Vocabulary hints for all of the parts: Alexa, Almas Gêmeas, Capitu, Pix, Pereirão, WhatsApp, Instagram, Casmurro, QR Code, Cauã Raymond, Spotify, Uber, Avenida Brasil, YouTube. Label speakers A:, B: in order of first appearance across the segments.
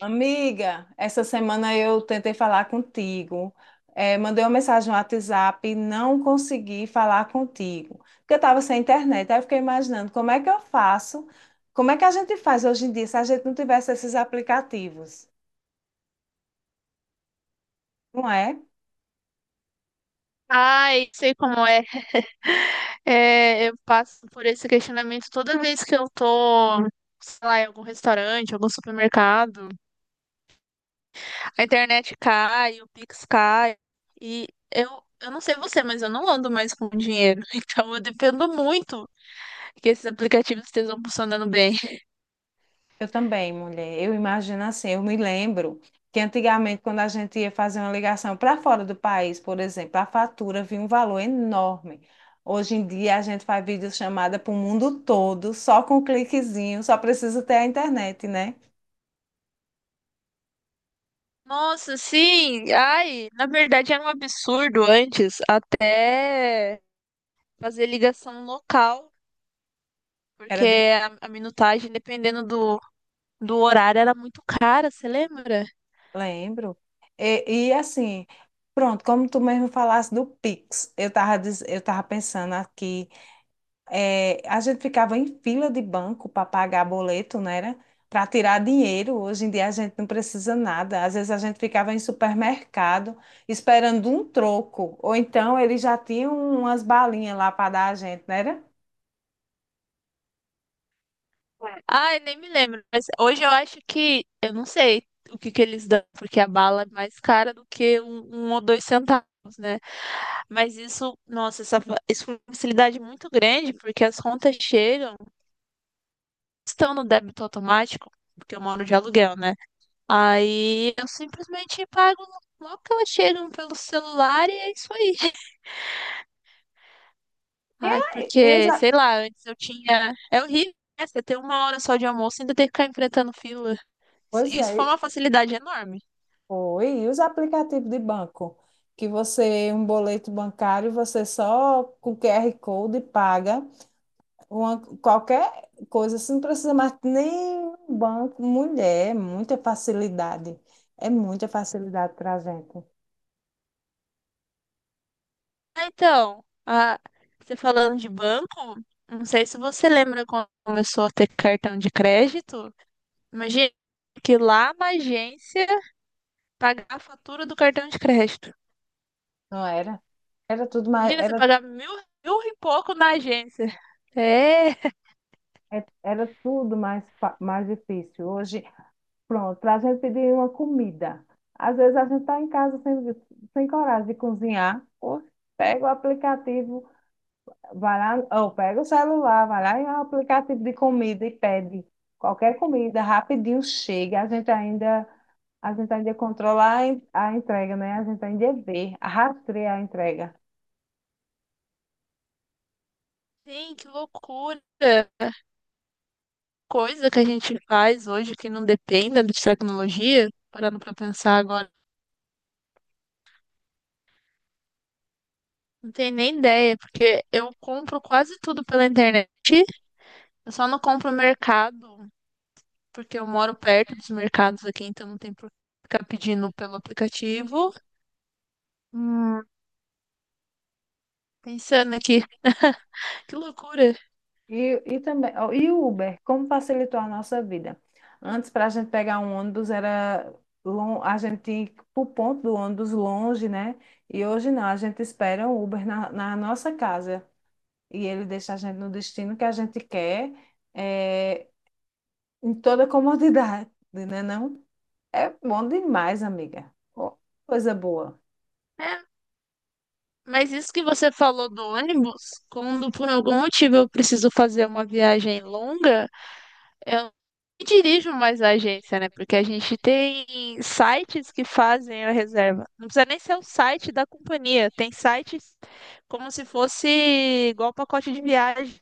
A: Amiga, essa semana eu tentei falar contigo, mandei uma mensagem no WhatsApp, não consegui falar contigo, porque eu estava sem internet. Aí eu fiquei imaginando como é que eu faço, como é que a gente faz hoje em dia se a gente não tivesse esses aplicativos, não é?
B: Ai, sei como é. É, eu passo por esse questionamento toda vez que eu tô, sei lá, em algum restaurante, algum supermercado. A internet cai, o Pix cai. E eu, não sei você, mas eu não ando mais com dinheiro. Então eu dependo muito que esses aplicativos estejam funcionando bem.
A: Eu também, mulher. Eu imagino assim, eu me lembro que antigamente, quando a gente ia fazer uma ligação para fora do país, por exemplo, a fatura vinha um valor enorme. Hoje em dia, a gente faz videochamada para o mundo todo, só com um cliquezinho, só precisa ter a internet, né?
B: Nossa, sim. Ai, na verdade era um absurdo antes até fazer ligação local.
A: Era de...
B: Porque a minutagem, dependendo do horário era muito cara, você lembra?
A: Lembro. Assim, pronto, como tu mesmo falasse do Pix, eu tava pensando aqui. É, a gente ficava em fila de banco para pagar boleto, não era? Para tirar dinheiro. Hoje em dia a gente não precisa nada. Às vezes a gente ficava em supermercado esperando um troco. Ou então eles já tinham umas balinhas lá para dar a gente, não era?
B: Ai, nem me lembro, mas hoje eu acho que, eu não sei o que que eles dão, porque a bala é mais cara do que um ou dois centavos, né? Mas isso, nossa, essa, isso foi uma facilidade muito grande, porque as contas chegam, estão no débito automático, porque eu moro de aluguel, né? Aí eu simplesmente pago logo que elas chegam pelo celular e é isso aí.
A: E,
B: Ai,
A: aí, e os,
B: porque,
A: a-
B: sei lá, antes eu tinha. É horrível, né? Você ter uma hora só de almoço e ainda ter que ficar enfrentando fila.
A: pois
B: Isso
A: é,
B: foi uma facilidade enorme.
A: foi. E os aplicativos de banco? Que você, um boleto bancário, você só com QR Code paga. Uma, qualquer coisa, você não precisa mais nem um banco, mulher, é muita facilidade. É muita facilidade para a gente,
B: Então, você falando de banco, não sei se você lembra quando começou a ter cartão de crédito. Imagina que lá na agência pagar a fatura do cartão de crédito.
A: não era? Era tudo mais,
B: Imagina você
A: era,
B: pagar mil, mil e pouco na agência. É,
A: é- era tudo mais, mais difícil. Hoje, pronto, para a gente pedir uma comida. Às vezes a gente está em casa sem, sem coragem de cozinhar, ou pega o aplicativo. Vai lá, ou pega o celular, vai lá em um aplicativo de comida e pede qualquer comida, rapidinho chega. A gente ainda controla a a entrega, né? A gente ainda vê, rastreia a entrega.
B: sim, que loucura. Coisa que a gente faz hoje que não dependa de tecnologia, parando pra pensar agora, não tenho nem ideia, porque eu compro quase tudo pela internet, eu só não compro mercado, porque eu moro perto dos mercados aqui, então não tem por que ficar pedindo pelo aplicativo. Hum, pensando aqui, que loucura.
A: E também, ó, e o Uber, como facilitou a nossa vida? Antes, para a gente pegar um ônibus, era a gente tinha que ir para o ponto do ônibus longe, né? E hoje não, a gente espera um Uber na nossa casa. E ele deixa a gente no destino que a gente quer, eh, em toda comodidade, né não? É bom demais, amiga. Ó, coisa boa.
B: É, mas isso que você falou do ônibus, quando por algum motivo eu preciso fazer uma viagem longa, eu não dirijo mais a agência, né? Porque a gente tem sites que fazem a reserva. Não precisa nem ser o site da companhia. Tem sites como se fosse igual pacote de viagem.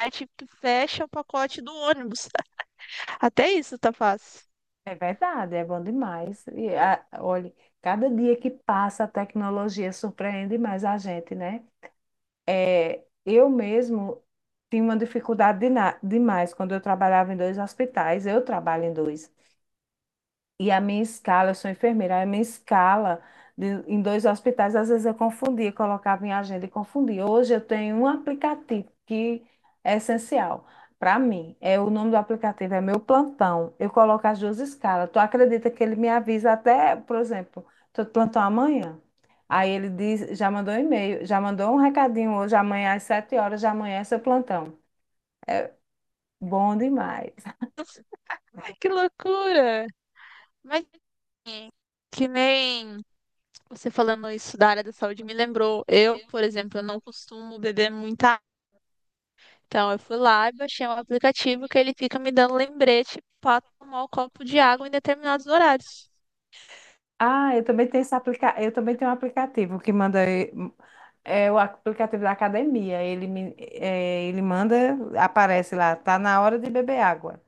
B: Site que fecha o pacote do ônibus. Até isso tá fácil.
A: É verdade, é bom demais. E a, olha, cada dia que passa a tecnologia surpreende mais a gente, né? É, eu mesmo tinha uma dificuldade demais quando eu trabalhava em dois hospitais. Eu trabalho em dois. E a minha escala, eu sou enfermeira, a minha escala em dois hospitais, às vezes eu confundia, colocava em agenda e confundia. Hoje eu tenho um aplicativo que é essencial para mim. É, o nome do aplicativo, é meu plantão. Eu coloco as duas escalas. Tu acredita que ele me avisa até, por exemplo, tô de plantão amanhã? Aí ele diz, já mandou um e-mail, já mandou um recadinho hoje, amanhã às 7 horas, já amanhã é seu plantão. Bom demais.
B: Ai, que loucura! Mas que nem você falando isso da área da saúde me lembrou. Eu, por exemplo, eu não costumo beber muita. Então, eu fui lá e baixei um aplicativo que ele fica me dando lembrete para tomar o copo de água em determinados horários.
A: Ah, eu também tenho esse aplica... eu também tenho um aplicativo que manda, é o aplicativo da academia. Ele manda, aparece lá, tá na hora de beber água.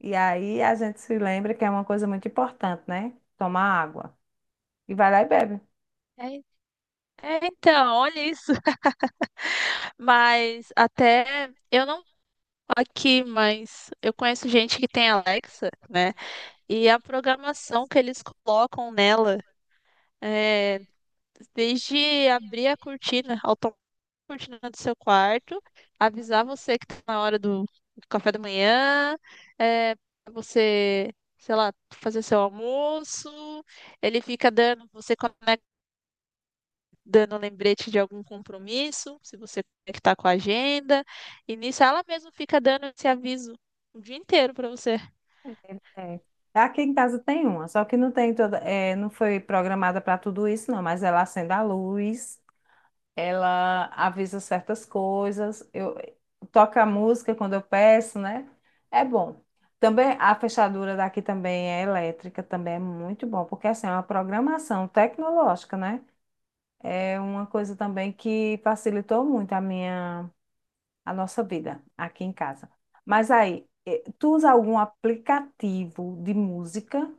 A: E aí a gente se lembra que é uma coisa muito importante, né? Tomar água. E vai lá e bebe.
B: É, é, então, olha isso. Mas até eu não aqui, mas eu conheço gente que tem Alexa, né? E a programação que eles colocam nela é desde abrir a cortina, do seu quarto, avisar você que tá na hora do café da manhã, é, pra você, sei lá, fazer seu almoço. Ele fica dando, você conecta, dando lembrete de algum compromisso, se você conectar com a agenda. E nisso ela mesma fica dando esse aviso o dia inteiro pra você.
A: É. Aqui em casa tem uma, só que não tem toda, é, não foi programada para tudo isso, não, mas ela acende a luz. Ela avisa certas coisas, eu toca a música quando eu peço, né? É bom. Também a fechadura daqui também é elétrica, também é muito bom, porque assim, é uma programação tecnológica, né? É uma coisa também que facilitou muito a minha, a nossa vida aqui em casa. Mas aí, tu usa algum aplicativo de música?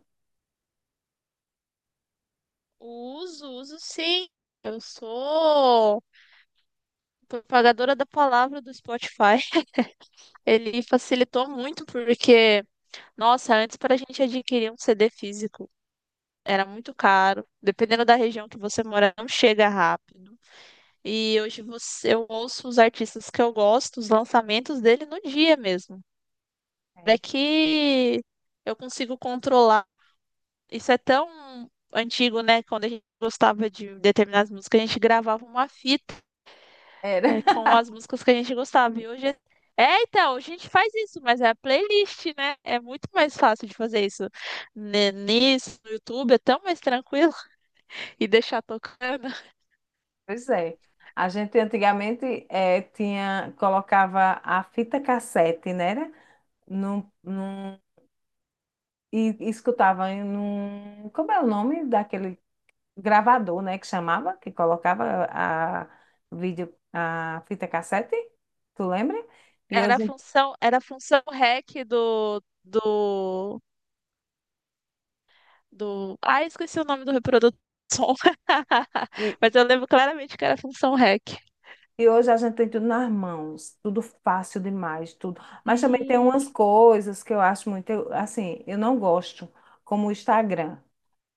B: Uso, uso sim. Eu sou propagadora da palavra do Spotify. Ele facilitou muito porque, nossa, antes para a gente adquirir um CD físico era muito caro. Dependendo da região que você mora, não chega rápido. E hoje você, eu ouço os artistas que eu gosto, os lançamentos dele no dia mesmo. É
A: É.
B: que eu consigo controlar. Isso é tão antigo, né? Quando a gente gostava de determinadas músicas, a gente gravava uma fita,
A: Era.
B: é, com as músicas que a gente gostava. E hoje é... é, então, a gente faz isso, mas é a playlist, né? É muito mais fácil de fazer isso. Né, nisso, no YouTube, é tão mais tranquilo e deixar tocando.
A: Pois é. A gente antigamente tinha, colocava a fita cassete, né? era? Num, num, e escutava em num. Como é o nome daquele gravador, né? Que chamava, que colocava a, vídeo, a fita cassete, tu lembra? E
B: Era a
A: hoje,
B: função, era a função REC do. Ah, esqueci o nome do reprodutor de som.
A: e,
B: Mas eu lembro claramente que era a função REC.
A: e hoje a gente tem tudo nas mãos, tudo fácil demais, tudo. Mas também tem
B: Ih,
A: umas coisas que eu acho muito, assim, eu não gosto, como o Instagram.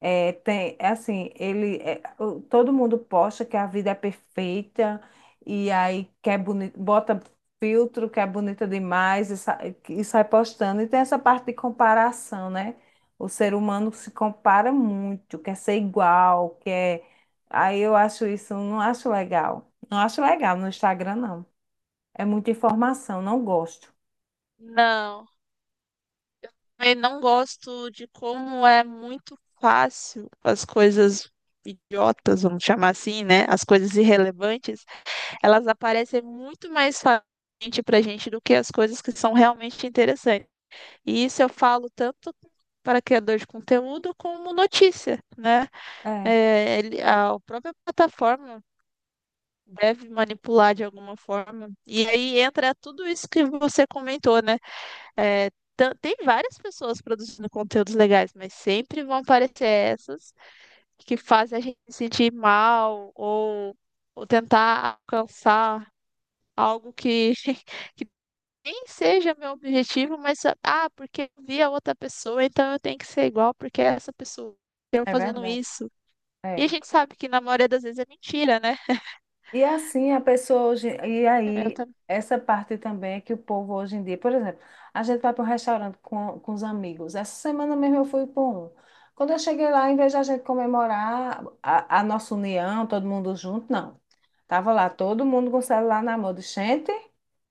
A: É, tem, é assim, ele, é, todo mundo posta que a vida é perfeita e aí quer bota filtro que é bonita demais e, e sai postando. E tem essa parte de comparação, né? O ser humano se compara muito, quer ser igual, quer... Aí eu acho isso, não acho legal. Não acho legal no Instagram, não. É muita informação, não gosto.
B: não. Eu não gosto de como é muito fácil as coisas idiotas, vamos chamar assim, né? As coisas irrelevantes, elas aparecem muito mais facilmente pra gente do que as coisas que são realmente interessantes. E isso eu falo tanto para criador de conteúdo como notícia, né?
A: É.
B: É, a própria plataforma deve manipular de alguma forma. E aí entra tudo isso que você comentou, né? É, tem várias pessoas produzindo conteúdos legais, mas sempre vão aparecer essas que fazem a gente se sentir mal ou tentar alcançar algo que, que nem seja meu objetivo, mas ah, porque eu vi a outra pessoa, então eu tenho que ser igual porque é essa pessoa eu
A: É
B: fazendo
A: verdade.
B: isso. E a
A: É.
B: gente sabe que na maioria das vezes é mentira, né?
A: E assim a pessoa hoje, e
B: Eu
A: aí
B: também
A: essa parte também é que o povo hoje em dia, por exemplo, a gente vai para um restaurante com os amigos. Essa semana mesmo eu fui para um. Quando eu cheguei lá, em vez de a gente comemorar a nossa união, todo mundo junto, não. Tava lá todo mundo com o celular na mão. De gente,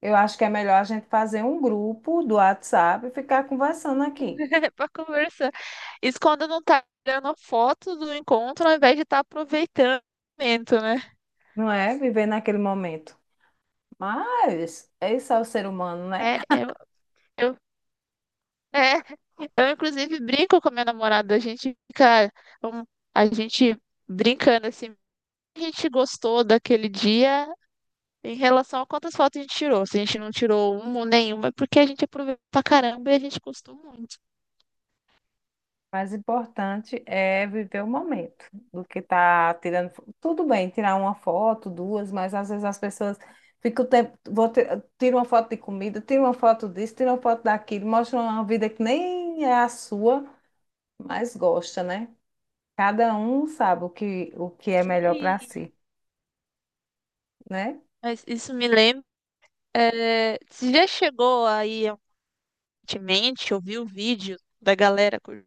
A: eu acho que é melhor a gente fazer um grupo do WhatsApp e ficar conversando aqui,
B: para conversar. Isso quando não tá tirando foto do encontro ao invés de estar aproveitando o momento, né?
A: não é? Viver naquele momento. Mas esse é o ser humano, né?
B: É, eu, eu, é, eu inclusive brinco com meu namorado, a gente fica, um- a gente brincando assim, a gente gostou daquele dia em relação a quantas fotos a gente tirou. Se a gente não tirou uma ou nenhuma, é porque a gente aproveitou pra caramba e a gente gostou muito.
A: Mais importante é viver o momento do que tá tirando. Tudo bem, tirar uma foto, duas, mas às vezes as pessoas ficam o tempo. Tira uma foto de comida, tira uma foto disso, tira uma foto daquilo, mostra uma vida que nem é a sua, mas gosta, né? Cada um sabe o que é melhor para
B: E-
A: si, né?
B: mas isso me lembra, é, você já chegou aí recentemente, ouviu o vídeo da galera?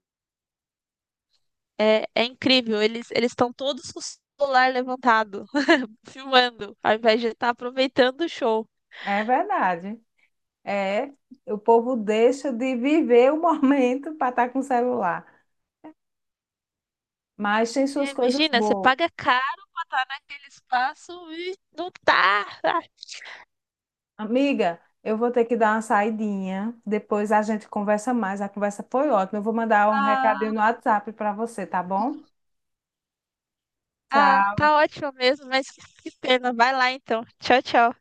B: É, é incrível, eles estão todos com o celular levantado filmando, ao invés de estar aproveitando o show.
A: É verdade. É, o povo deixa de viver o momento para estar com o celular. Mas tem suas
B: É,
A: coisas
B: imagina, você
A: boas.
B: paga caro pra estar naquele espaço e não tá.
A: Amiga, eu vou ter que dar uma saidinha. Depois a gente conversa mais. A conversa foi ótima. Eu vou mandar um recadinho
B: Ah,
A: no WhatsApp para você, tá bom?
B: ah,
A: Tchau.
B: tá ótimo mesmo, mas que pena. Vai lá então. Tchau, tchau.